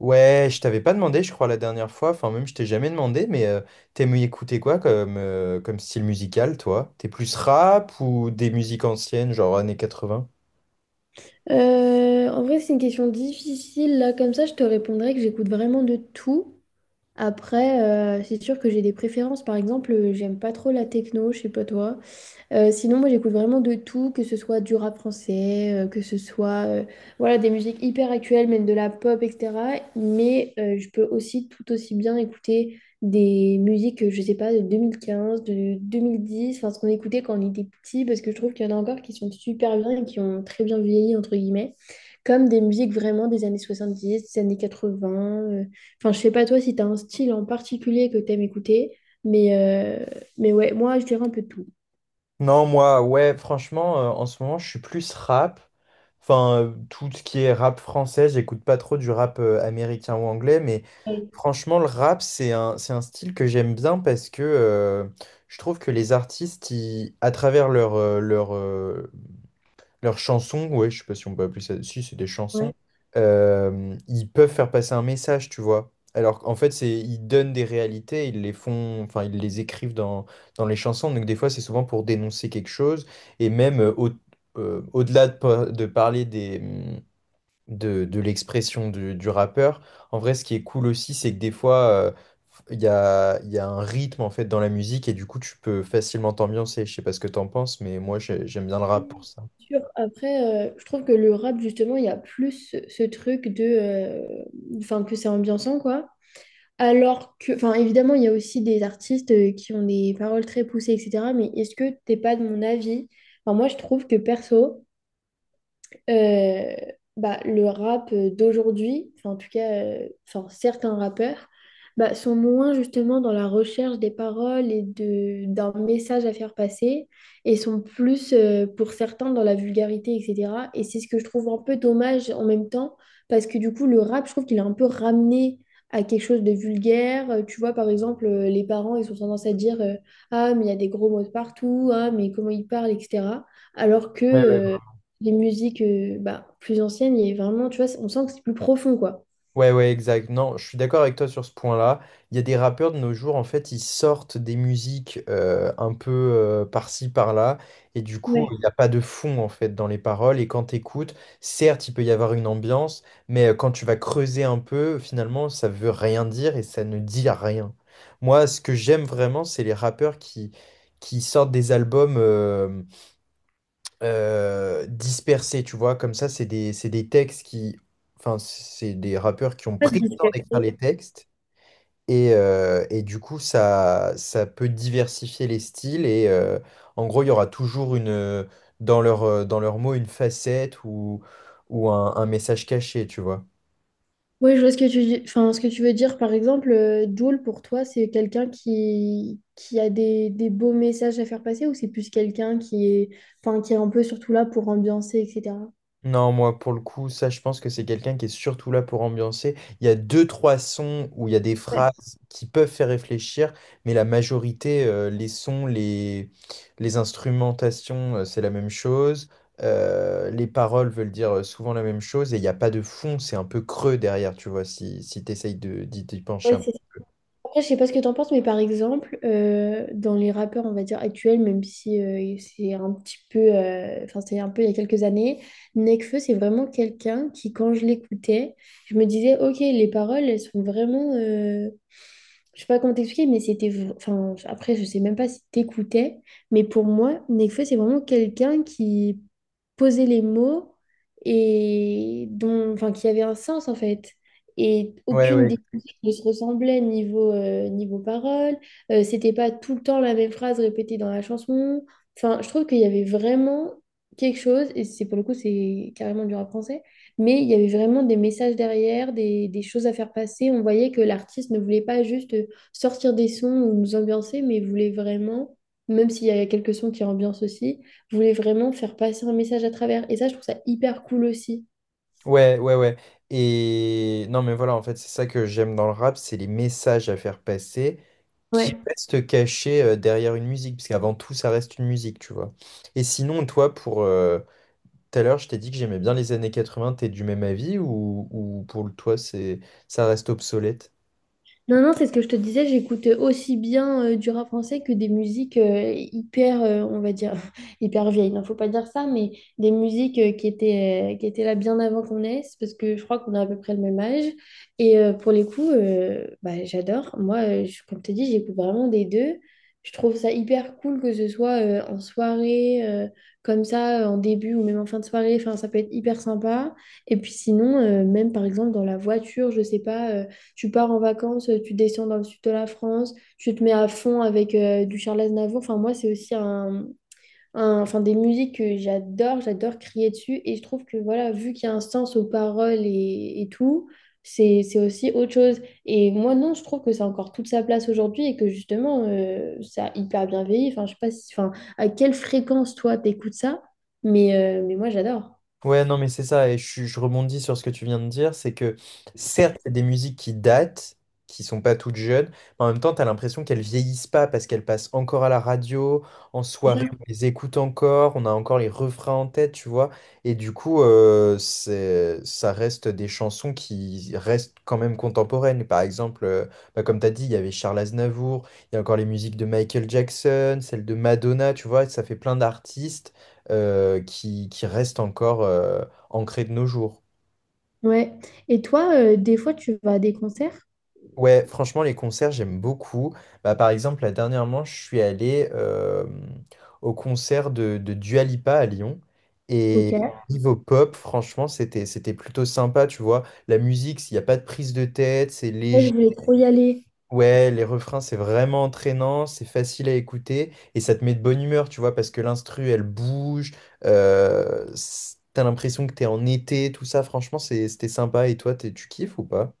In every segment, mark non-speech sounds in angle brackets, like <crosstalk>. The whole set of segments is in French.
Ouais, je t'avais pas demandé, je crois, la dernière fois. Enfin, même, je t'ai jamais demandé, mais t'aimes écouter quoi comme, comme style musical, toi? T'es plus rap ou des musiques anciennes, genre années 80? En vrai, c'est une question difficile. Là, comme ça, je te répondrais que j'écoute vraiment de tout. Après, c'est sûr que j'ai des préférences. Par exemple, j'aime pas trop la techno, je sais pas toi. Sinon, moi, j'écoute vraiment de tout, que ce soit du rap français, que ce soit voilà, des musiques hyper actuelles, même de la pop, etc. Mais je peux aussi tout aussi bien écouter des musiques, je sais pas, de 2015 de 2010 enfin, ce qu'on écoutait quand on était petit, parce que je trouve qu'il y en a encore qui sont super bien et qui ont très bien vieilli, entre guillemets, comme des musiques vraiment des années 70, des années 80. Enfin, je sais pas toi si tu as un style en particulier que tu aimes écouter, mais, euh, mais ouais, moi, je dirais un peu de tout. Non, moi, ouais, franchement, en ce moment, je suis plus rap. Enfin, tout ce qui est rap français, j'écoute pas trop du rap américain ou anglais, mais franchement, le rap, c'est un style que j'aime bien parce que je trouve que les artistes, à travers leur, leurs chansons, ouais, je sais pas si on peut appeler ça. Si, c'est des chansons. Ouais. Ils peuvent faire passer un message, tu vois. Alors qu'en fait, c'est ils donnent des réalités, ils les font, enfin, ils les écrivent dans les chansons. Donc des fois, c'est souvent pour dénoncer quelque chose. Et même au-delà de parler de l'expression du rappeur, en vrai, ce qui est cool aussi, c'est que des fois, il y a un rythme en fait dans la musique et du coup, tu peux facilement t'ambiancer. Je sais pas ce que t'en penses, mais moi, j'aime bien le rap pour ça. Sûr. Après, je trouve que le rap, justement, il y a plus ce truc de, enfin, que c'est ambiançant, quoi. Alors que... enfin, évidemment, il y a aussi des artistes qui ont des paroles très poussées, etc. Mais est-ce que t'es pas de mon avis? Enfin, moi, je trouve que, perso... euh, bah, le rap d'aujourd'hui, enfin en tout cas, enfin, certains rappeurs, bah, sont moins justement dans la recherche des paroles et d'un message à faire passer, et sont plus pour certains dans la vulgarité, etc. Et c'est ce que je trouve un peu dommage en même temps, parce que du coup, le rap, je trouve qu'il est un peu ramené à quelque chose de vulgaire. Tu vois, par exemple, les parents, ils ont tendance à dire ah, mais il y a des gros mots de partout, ah, mais comment ils parlent, etc. Alors que... les musiques plus anciennes, il y a vraiment, tu vois, on sent que c'est plus profond, quoi. Ouais, ouais, exact. Non, je suis d'accord avec toi sur ce point-là. Il y a des rappeurs de nos jours, en fait, ils sortent des musiques un peu par-ci, par-là, et du coup, Ouais. il n'y a pas de fond, en fait, dans les paroles. Et quand tu écoutes, certes, il peut y avoir une ambiance, mais quand tu vas creuser un peu, finalement, ça veut rien dire et ça ne dit rien. Moi, ce que j'aime vraiment, c'est qui sortent des albums dispersés, tu vois, comme ça, c'est des textes qui... Enfin, c'est des rappeurs qui ont pris le temps d'écrire les textes, et du coup, ça peut diversifier les styles, et en gros, il y aura toujours une, dans dans leurs mots une facette ou un message caché, tu vois. Oui, je vois ce que tu dis. Enfin, ce que tu veux dire, par exemple, Jul, pour toi, c'est quelqu'un qui a des beaux messages à faire passer ou c'est plus quelqu'un qui est, enfin, qui est un peu surtout là pour ambiancer, etc. Non, moi, pour le coup, ça, je pense que c'est quelqu'un qui est surtout là pour ambiancer. Il y a deux, trois sons où il y a des Ouais, phrases qui peuvent faire réfléchir, mais la majorité, les instrumentations, c'est la même chose. Les paroles veulent dire souvent la même chose et il n'y a pas de fond, c'est un peu creux derrière, tu vois, si tu essayes d'y pencher ouais, un c'est après, je sais pas ce que t'en penses, mais par exemple, dans les rappeurs, on va dire actuels, même si c'est un petit peu, enfin, c'est un peu il y a quelques années, Nekfeu, c'est vraiment quelqu'un qui, quand je l'écoutais, je me disais, ok, les paroles, elles sont vraiment, je sais pas comment t'expliquer, mais c'était, enfin, après, je sais même pas si t'écoutais, mais pour moi, Nekfeu, c'est vraiment quelqu'un qui posait les mots et dont, enfin, qui avait un sens en fait. Et peu. Ouais, aucune ouais, des musiques ne se ressemblait niveau parole. C'était pas tout le temps la même phrase répétée dans la chanson. Enfin, je trouve qu'il y avait vraiment quelque chose, et c'est pour le coup, c'est carrément du rap français, mais il y avait vraiment des messages derrière, des choses à faire passer. On voyait que l'artiste ne voulait pas juste sortir des sons ou nous ambiancer, mais voulait vraiment, même s'il y a quelques sons qui ambiancent aussi, voulait vraiment faire passer un message à travers. Et ça, je trouve ça hyper cool aussi. ouais, ouais, ouais. Et non, mais voilà, en fait, c'est ça que j'aime dans le rap, c'est les messages à faire passer, qui reste caché derrière une musique, parce qu'avant tout, ça reste une musique, tu vois. Et sinon, toi, pour tout à l'heure, je t'ai dit que j'aimais bien les années 80, t'es du même avis ou pour le toi, c'est ça reste obsolète? Non, non, c'est ce que je te disais, j'écoute aussi bien du rap français que des musiques hyper, on va dire, <laughs> hyper vieilles. Non, faut pas dire ça, mais des musiques qui étaient, qui étaient là bien avant qu'on naisse, parce que je crois qu'on a à peu près le même âge. Pour les coups, j'adore. Moi, comme je te dis, j'écoute vraiment des deux. Je trouve ça hyper cool que ce soit en soirée, comme ça, en début ou même en fin de soirée. Enfin, ça peut être hyper sympa. Et puis sinon, même par exemple dans la voiture, je sais pas. Tu pars en vacances, tu descends dans le sud de la France, tu te mets à fond avec du Charles Aznavour. Enfin, moi, c'est aussi un, enfin, des musiques que j'adore, j'adore crier dessus. Et je trouve que, voilà, vu qu'il y a un sens aux paroles et tout, c'est aussi autre chose. Et moi, non, je trouve que c'est encore toute sa place aujourd'hui et que justement, ça a hyper bien vieilli. Enfin, je sais pas si, enfin, à quelle fréquence, toi, t'écoutes ça, mais, mais moi, j'adore. Ouais, non, mais c'est ça, et je rebondis sur ce que tu viens de dire, c'est que certes, il y a des musiques qui datent, qui sont pas toutes jeunes, mais en même temps, tu as l'impression qu'elles vieillissent pas parce qu'elles passent encore à la radio, en C'est ça. soirée, on les écoute encore, on a encore les refrains en tête, tu vois, et du coup, ça reste des chansons qui restent quand même contemporaines. Par exemple, bah, comme tu as dit, il y avait Charles Aznavour, il y a encore les musiques de Michael Jackson, celles de Madonna, tu vois, ça fait plein d'artistes qui restent encore ancrées de nos jours. Ouais. Et toi, des fois, tu vas à des concerts? Ouais, franchement, les concerts, j'aime beaucoup. Bah, par exemple, là, dernièrement, je suis allé au concert de Dua Lipa à Lyon. Et Ok. niveau pop, franchement, c'était plutôt sympa, tu vois. La musique, s'il n'y a pas de prise de tête, c'est Ouais, je léger. voulais trop y aller. Ouais, les refrains, c'est vraiment entraînant, c'est facile à écouter et ça te met de bonne humeur, tu vois, parce que l'instru, elle bouge, t'as l'impression que t'es en été, tout ça, franchement, c'était sympa. Et toi, tu kiffes ou pas?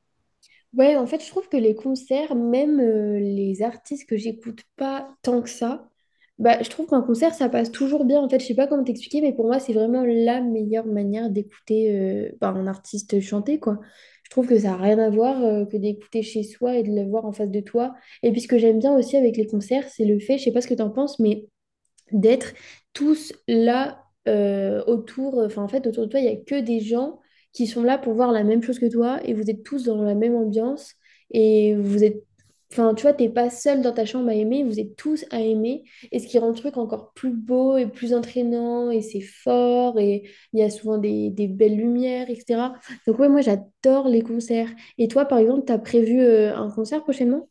Ouais, en fait, je trouve que les concerts, même les artistes que j'écoute pas tant que ça, bah, je trouve qu'un concert, ça passe toujours bien. En fait, je sais pas comment t'expliquer, mais pour moi, c'est vraiment la meilleure manière d'écouter un artiste chanter, quoi. Je trouve que ça n'a rien à voir que d'écouter chez soi et de le voir en face de toi. Et puis, ce que j'aime bien aussi avec les concerts, c'est le fait, je sais pas ce que t'en penses, mais d'être tous là autour, enfin en fait autour de toi, il n'y a que des gens qui sont là pour voir la même chose que toi et vous êtes tous dans la même ambiance et vous êtes, enfin tu vois, t'es pas seul dans ta chambre à aimer, vous êtes tous à aimer et ce qui rend le truc encore plus beau et plus entraînant et c'est fort et il y a souvent des belles lumières, etc. Donc ouais, moi j'adore les concerts. Et toi par exemple, t'as prévu un concert prochainement?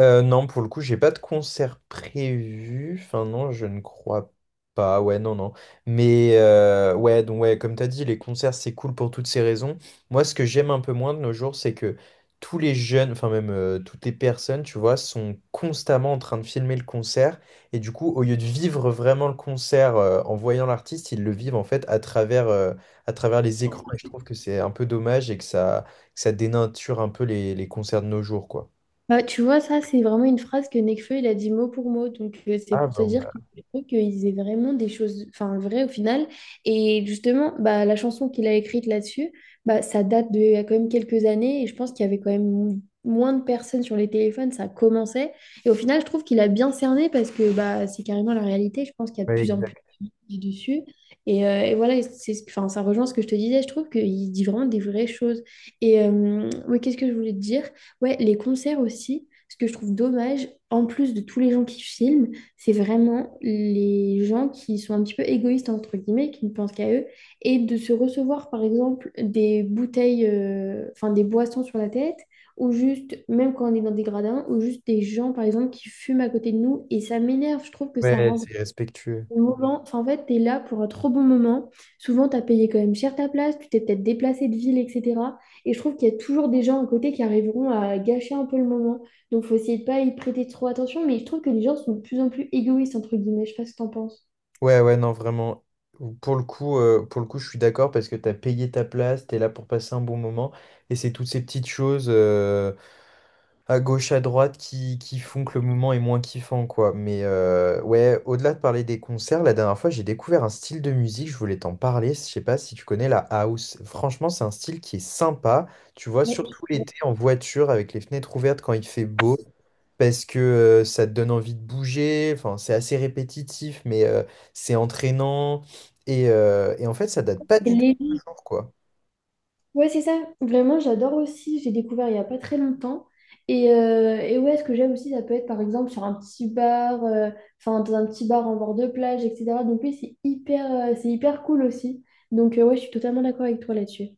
Non, pour le coup, j'ai pas de concert prévu. Enfin, non, je ne crois pas. Ouais, non, non. Mais ouais, donc ouais, comme t'as dit, les concerts, c'est cool pour toutes ces raisons. Moi, ce que j'aime un peu moins de nos jours, c'est que tous les jeunes, enfin même toutes les personnes, tu vois, sont constamment en train de filmer le concert. Et du coup, au lieu de vivre vraiment le concert en voyant l'artiste, ils le vivent en fait à travers les écrans. Et je trouve que c'est un peu dommage et que ça dénature un peu les concerts de nos jours, quoi. Bah, tu vois, ça, c'est vraiment une phrase que Nekfeu, il a dit mot pour mot. Donc, c'est Ah, pour se bah, dire que je trouve qu'ils aient vraiment des choses, enfin, vraies au final. Et justement, bah, la chanson qu'il a écrite là-dessus, bah, ça date de, il y a quand même quelques années. Et je pense qu'il y avait quand même moins de personnes sur les téléphones. Ça commençait. Et au final, je trouve qu'il a bien cerné parce que bah, c'est carrément la réalité. Je pense qu'il y a de ouais, plus en plus exact. dit dessus. Et voilà, et c'est, enfin, ça rejoint ce que je te disais. Je trouve qu'il dit vraiment des vraies choses. Oui, qu'est-ce que je voulais te dire? Ouais, les concerts aussi, ce que je trouve dommage, en plus de tous les gens qui filment, c'est vraiment les gens qui sont un petit peu égoïstes, entre guillemets, qui ne pensent qu'à eux, et de se recevoir, par exemple, des bouteilles, enfin des boissons sur la tête, ou juste, même quand on est dans des gradins, ou juste des gens, par exemple, qui fument à côté de nous, et ça m'énerve, je trouve que ça Ouais, rend c'est respectueux. au moment, enfin, en fait, tu es là pour un trop bon moment. Souvent, tu as payé quand même cher ta place, tu t'es peut-être déplacé de ville, etc. Et je trouve qu'il y a toujours des gens à côté qui arriveront à gâcher un peu le moment. Donc, faut essayer de pas y prêter trop attention. Mais je trouve que les gens sont de plus en plus égoïstes, entre guillemets. Je sais pas ce que t'en penses. Ouais, ouais, non, vraiment. Pour le coup, je suis d'accord parce que t'as payé ta place, t'es là pour passer un bon moment. Et c'est toutes ces petites choses à gauche, à droite, qui font que le moment est moins kiffant, quoi. Mais ouais, au-delà de parler des concerts, la dernière fois, j'ai découvert un style de musique, je voulais t'en parler, je sais pas si tu connais la house. Franchement, c'est un style qui est sympa, tu vois, Ouais. surtout l'été en voiture, avec les fenêtres ouvertes quand il fait beau, parce que ça te donne envie de bouger, enfin, c'est assez répétitif, mais c'est entraînant, et en fait, ça date pas du tout de Les- nos jours, quoi. Ouais, c'est ça. Vraiment, j'adore aussi. J'ai découvert il n'y a pas très longtemps. Et ouais, ce que j'aime aussi, ça peut être par exemple sur un petit bar, enfin dans un petit bar en bord de plage, etc. Donc oui, c'est hyper cool aussi. Ouais, je suis totalement d'accord avec toi là-dessus.